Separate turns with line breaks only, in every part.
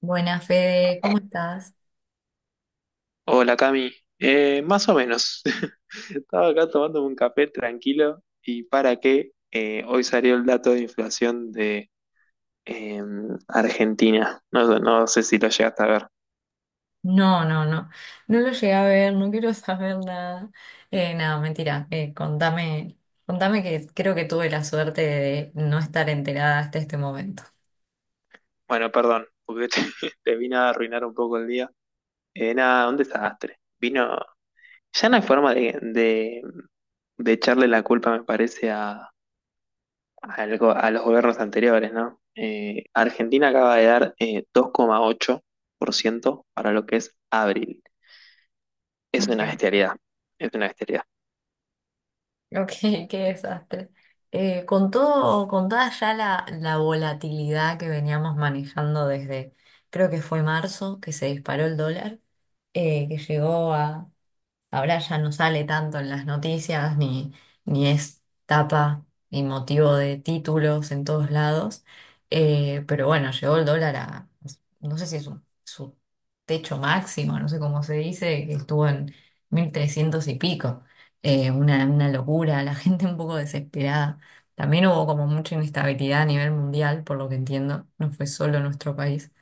Buenas, Fede, ¿cómo estás?
Hola, Cami. Más o menos. Estaba acá tomándome un café tranquilo y para qué, hoy salió el dato de inflación de eh, Argentina. No, no sé si lo llegaste a ver.
No, no, no, no, lo llegué a ver, no quiero saber nada. Nada, mentira, contame, contame que creo que tuve la suerte de no estar enterada hasta este momento.
Bueno, perdón, porque te, te vine a arruinar un poco el día. Nada, un desastre. Vino, ya no hay forma de echarle la culpa, me parece, a los gobiernos anteriores, ¿no? Argentina acaba de dar 2,8% para lo que es abril. Es una
Ok.
bestialidad, es una bestialidad.
Ok, qué desastre. Con todo, con toda ya la volatilidad que veníamos manejando desde, creo que fue marzo, que se disparó el dólar, que llegó a... Ahora ya no sale tanto en las noticias, ni es tapa, ni motivo de títulos en todos lados. Pero bueno, llegó el dólar a, no sé si es su techo máximo, no sé cómo se dice, que estuvo en 1300 y pico. Una locura, la gente un poco desesperada. También hubo como mucha inestabilidad a nivel mundial, por lo que entiendo, no fue solo nuestro país.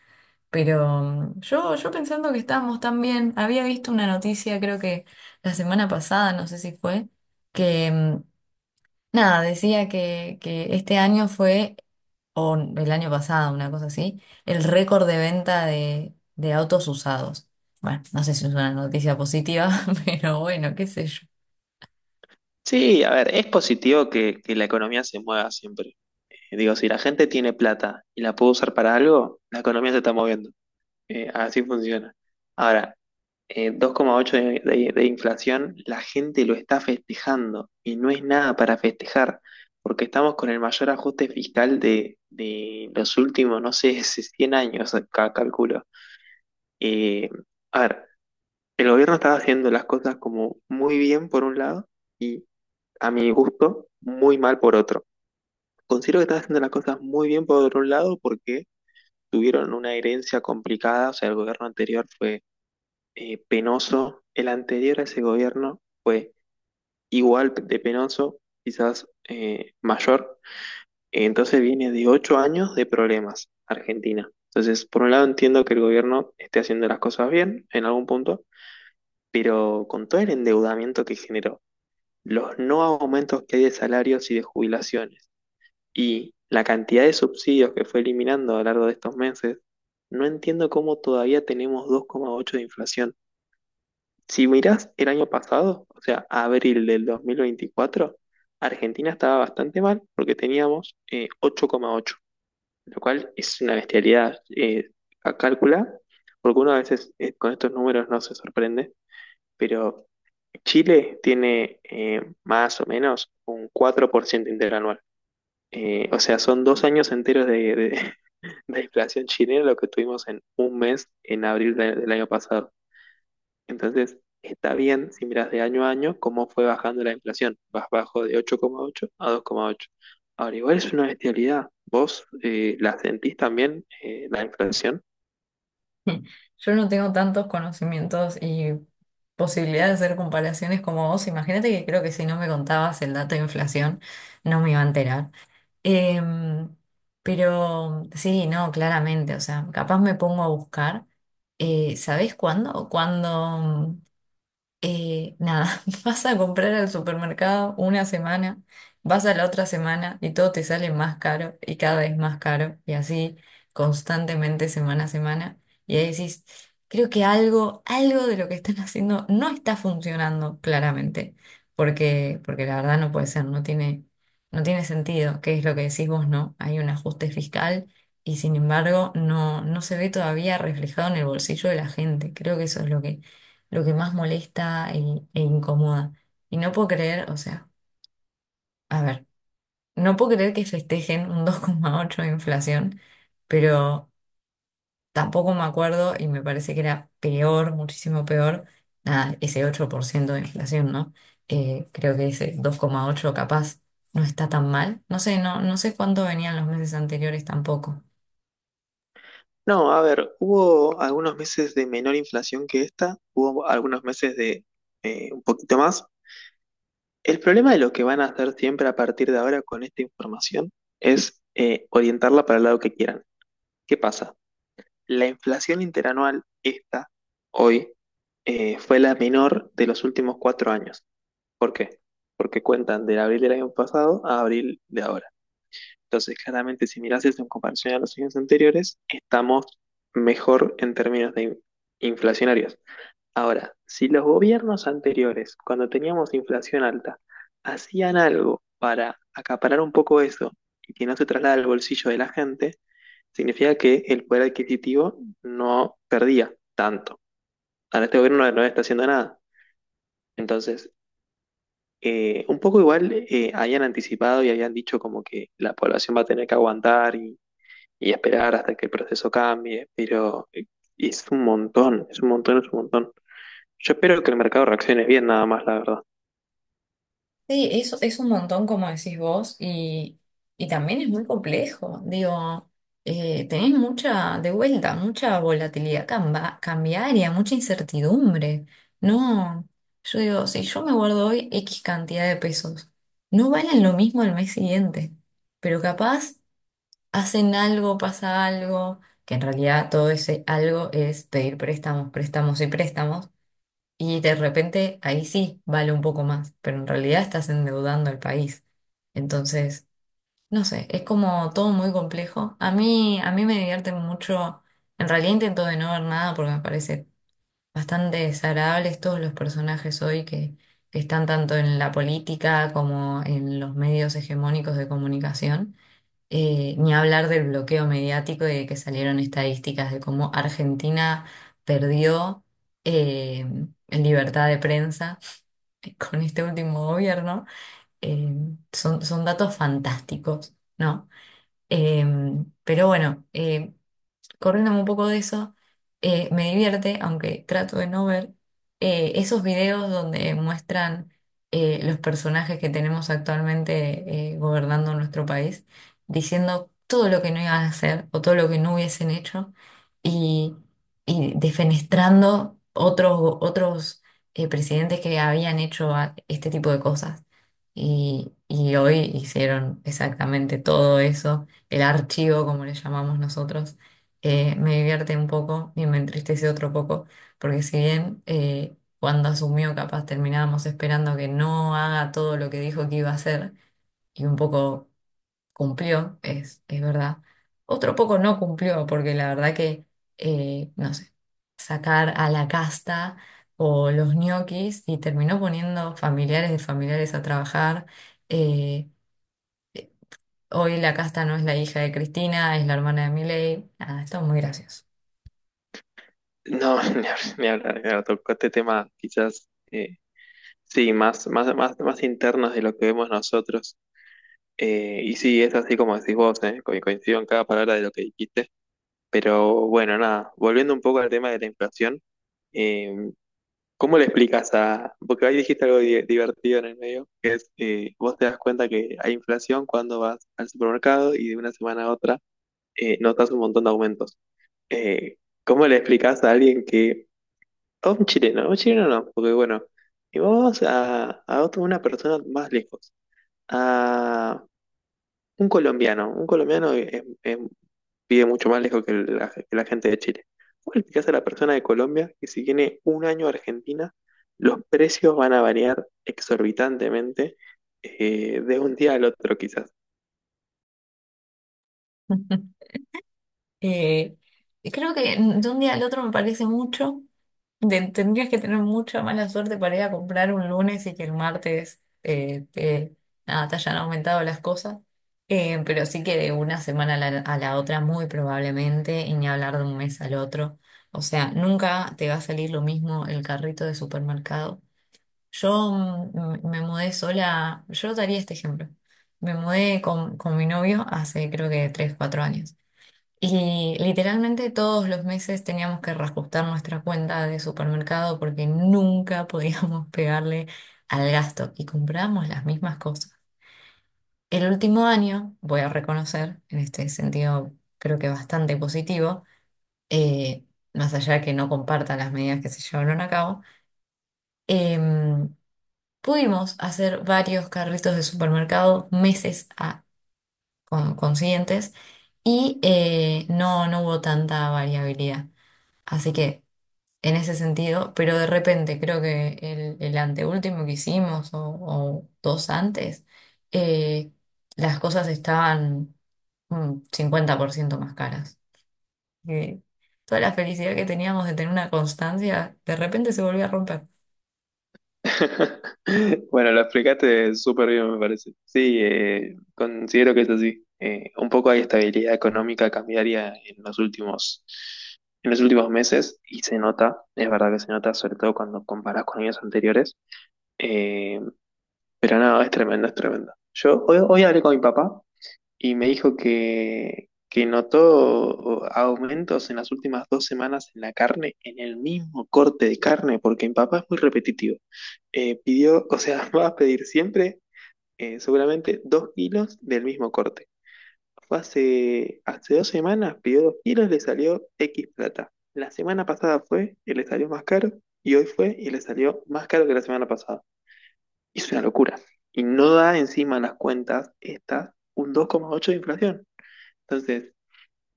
Pero yo pensando que estábamos tan bien, había visto una noticia, creo que la semana pasada, no sé si fue, que nada, decía que este año fue, o el año pasado, una cosa así, el récord de venta de autos usados. Bueno, no sé si es una noticia positiva, pero bueno, qué sé yo.
Sí, a ver, es positivo que la economía se mueva siempre. Digo, si la gente tiene plata y la puede usar para algo, la economía se está moviendo. Así funciona. Ahora, 2,8 de inflación, la gente lo está festejando y no es nada para festejar, porque estamos con el mayor ajuste fiscal de los últimos, no sé, 100 años, acá calculo. Eh, a ver, el gobierno estaba haciendo las cosas como muy bien por un lado y a mi gusto muy mal por otro. Considero que están haciendo las cosas muy bien por un lado porque tuvieron una herencia complicada, o sea, el gobierno anterior fue penoso, el anterior a ese gobierno fue igual de penoso, quizás mayor, entonces viene de 8 años de problemas Argentina. Entonces, por un lado entiendo que el gobierno esté haciendo las cosas bien en algún punto, pero con todo el endeudamiento que generó, los no aumentos que hay de salarios y de jubilaciones y la cantidad de subsidios que fue eliminando a lo largo de estos meses, no entiendo cómo todavía tenemos 2,8 de inflación. Si mirás el año pasado, o sea, abril del 2024, Argentina estaba bastante mal porque teníamos 8,8, lo cual es una bestialidad a calcular porque uno a veces con estos números no se sorprende, pero Chile tiene más o menos un 4% interanual. O sea, son 2 años enteros de de inflación chilena lo que tuvimos en un mes en abril del año pasado. Entonces, está bien si miras de año a año cómo fue bajando la inflación. Vas bajo de 8,8 a 2,8. Ahora, igual es una bestialidad. ¿Vos la sentís también, la inflación?
Yo no tengo tantos conocimientos y posibilidad de hacer comparaciones como vos. Imagínate que creo que si no me contabas el dato de inflación, no me iba a enterar. Em, pero sí, no, claramente, o sea, capaz me pongo a buscar. ¿Sabés cuándo? Cuando, nada, vas a comprar al supermercado una semana, vas a la otra semana y todo te sale más caro y cada vez más caro y así constantemente semana a semana. Y ahí decís, creo que algo, algo de lo que están haciendo no está funcionando claramente, porque la verdad no puede ser, no tiene sentido, que es lo que decís vos, ¿no? Hay un ajuste fiscal. Y sin embargo, no se ve todavía reflejado en el bolsillo de la gente. Creo que eso es lo que más molesta e incomoda. Y no puedo creer, o sea, a ver, no puedo creer que festejen un 2,8 de inflación, pero tampoco me acuerdo y me parece que era peor, muchísimo peor, nada, ese 8% de inflación, ¿no? Creo que ese 2,8 capaz no está tan mal. No sé, no sé cuánto venían los meses anteriores tampoco.
No, a ver, hubo algunos meses de menor inflación que esta, hubo algunos meses de un poquito más. El problema de lo que van a hacer siempre a partir de ahora con esta información es orientarla para el lado que quieran. ¿Qué pasa? La inflación interanual, esta, hoy, fue la menor de los últimos 4 años. ¿Por qué? Porque cuentan del abril del año pasado a abril de ahora. Entonces, claramente, si miras eso en comparación a los años anteriores, estamos mejor en términos de inflacionarios. Ahora, si los gobiernos anteriores, cuando teníamos inflación alta, hacían algo para acaparar un poco eso y que no se traslada al bolsillo de la gente, significa que el poder adquisitivo no perdía tanto. Ahora este gobierno no, no está haciendo nada. Entonces, un poco igual habían anticipado y habían dicho como que la población va a tener que aguantar y esperar hasta que el proceso cambie, pero es un montón, es un montón, es un montón. Yo espero que el mercado reaccione bien nada más, la verdad.
Sí, eso es un montón, como decís vos, y también es muy complejo. Digo, tenés mucha, de vuelta, mucha volatilidad cambiaria, mucha incertidumbre. No, yo digo, si yo me guardo hoy X cantidad de pesos, no valen lo mismo al mes siguiente, pero capaz hacen algo, pasa algo, que en realidad todo ese algo es pedir préstamos, préstamos y préstamos. Y de repente ahí sí vale un poco más, pero en realidad estás endeudando al país. Entonces, no sé, es como todo muy complejo. A mí me divierte mucho. En realidad intento de no ver nada porque me parece bastante desagradables todos los personajes hoy que están tanto en la política como en los medios hegemónicos de comunicación. Ni hablar del bloqueo mediático y de que salieron estadísticas de cómo Argentina perdió eh, en libertad de prensa con este último gobierno. Eh, son, son datos fantásticos, ¿no? Eh, pero bueno, corriéndome un poco de eso, me divierte, aunque trato de no ver, esos videos donde muestran los personajes que tenemos actualmente gobernando nuestro país, diciendo todo lo que no iban a hacer o todo lo que no hubiesen hecho y, y defenestrando otros, otros presidentes que habían hecho este tipo de cosas. Y hoy hicieron exactamente todo eso, el archivo, como le llamamos nosotros me divierte un poco y me entristece otro poco, porque si bien cuando asumió capaz terminábamos esperando que no haga todo lo que dijo que iba a hacer y un poco cumplió, es verdad, otro poco no cumplió, porque la verdad que, no sé, sacar a la casta o los ñoquis y terminó poniendo familiares de familiares a trabajar. eh, Hoy la casta no es la hija de Cristina, es la hermana de Milei. Ah, esto es muy gracioso.
No, ni hab- ni hablar, claro, tocó este tema quizás, sí, más, más, más, más internos de lo que vemos nosotros. Y sí, es así como decís vos, coincido en cada palabra de lo que dijiste. Pero bueno, nada, volviendo un poco al tema de la inflación, eh, ¿cómo le explicas a...? Porque ahí dijiste algo divertido en el medio, que es, vos te das cuenta que hay inflación cuando vas al supermercado y de una semana a otra notas un montón de aumentos. Eh, ¿Cómo le explicas a alguien que o un chileno no, porque bueno, y vamos a una persona más lejos, a un colombiano vive mucho más lejos que la gente de Chile. ¿Cómo le explicás a la persona de Colombia que si tiene un año a Argentina, los precios van a variar exorbitantemente de un día al otro quizás?
Eh, y creo que de un día al otro me parece mucho. Tendrías que tener mucha mala suerte para ir a comprar un lunes y que el martes nada, te hayan aumentado las cosas. Pero sí que de una semana a a la otra, muy probablemente, y ni hablar de un mes al otro. O sea, nunca te va a salir lo mismo el carrito de supermercado. Yo me mudé sola, yo daría este ejemplo. Me mudé con mi novio hace creo que 3 4 años. Y literalmente todos los meses teníamos que reajustar nuestra cuenta de supermercado porque nunca podíamos pegarle al gasto y comprábamos las mismas cosas. El último año, voy a reconocer, en este sentido creo que bastante positivo, eh, más allá de que no compartan las medidas que se llevaron a cabo, em, pudimos hacer varios carritos de supermercado consiguientes y no hubo tanta variabilidad. Así que... en ese sentido, pero de repente creo que el anteúltimo que hicimos o dos antes, eh, las cosas estaban un 50% más caras. Y toda la felicidad que teníamos de tener una constancia, de repente se volvió a romper.
Bueno, lo explicaste súper bien, me parece. Sí, considero que es así. Un poco hay estabilidad económica cambiaria en los últimos meses y se nota, es verdad que se nota, sobre todo cuando comparás con años anteriores. Eh, pero no, es tremendo, es tremendo. Yo hoy hablé con mi papá y me dijo que notó aumentos en las últimas 2 semanas en la carne, en el mismo corte de carne, porque mi papá es muy repetitivo. Pidió, o sea, va a pedir siempre seguramente 2 kilos del mismo corte. Fue hace 2 semanas, pidió 2 kilos, le salió X plata. La semana pasada fue y le salió más caro, y hoy fue y le salió más caro que la semana pasada. Es una locura. Y no da encima en las cuentas estas un 2,8 de inflación. Entonces,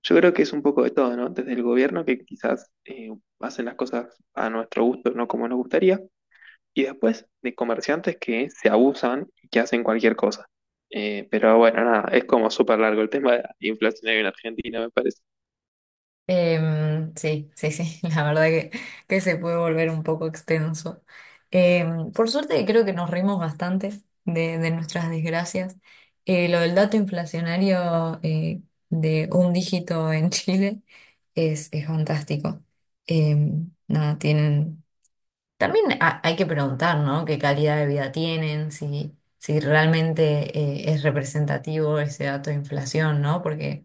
yo creo que es un poco de todo, ¿no? Desde el gobierno que quizás hacen las cosas a nuestro gusto, no como nos gustaría, y después de comerciantes que se abusan y que hacen cualquier cosa. Pero bueno, nada, es como súper largo el tema de la inflación en Argentina, me parece.
Sí, sí, sí, la verdad que se puede volver un poco extenso. Em, por suerte creo que nos reímos bastante de nuestras desgracias. Lo del dato inflacionario de un dígito en Chile es fantástico. Em, nada, tienen... También hay que preguntar, ¿no? ¿Qué calidad de vida tienen? Si, si realmente es representativo ese dato de inflación, ¿no? Porque...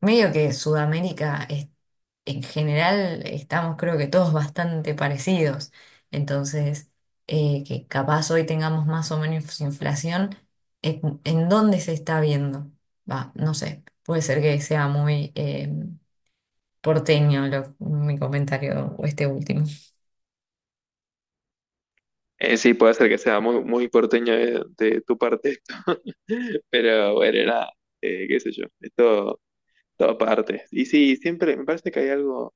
Medio que Sudamérica es... en general estamos creo que todos bastante parecidos. Entonces, que capaz hoy tengamos más o menos inflación, en dónde se está viendo? Va, no sé, puede ser que sea muy porteño mi comentario o este último.
Sí, puede ser que sea muy, muy porteño de tu parte esto, pero bueno, nada, qué sé yo, es todo, todo parte. Y sí, siempre me parece que hay algo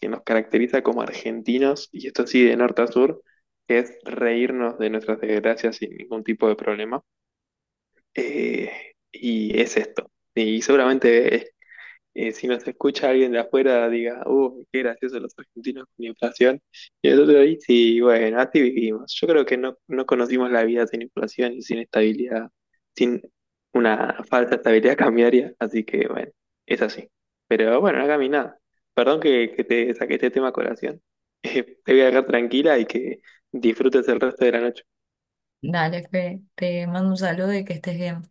que nos caracteriza como argentinos, y esto sí de norte a sur, que es reírnos de nuestras desgracias sin ningún tipo de problema. Eh, y es esto. Y seguramente es si nos escucha alguien de afuera, diga, qué gracioso los argentinos con inflación. Y nosotros ahí, sí, bueno, así vivimos. Yo creo que no, no conocimos la vida sin inflación y sin estabilidad, sin una falsa estabilidad cambiaria. Así que, bueno, es así. Pero bueno, no mi nada. Perdón que te saqué este tema a colación. Te voy a dejar tranquila y que disfrutes el resto de la noche.
Dale, Fe, te mando un saludo y que estés bien.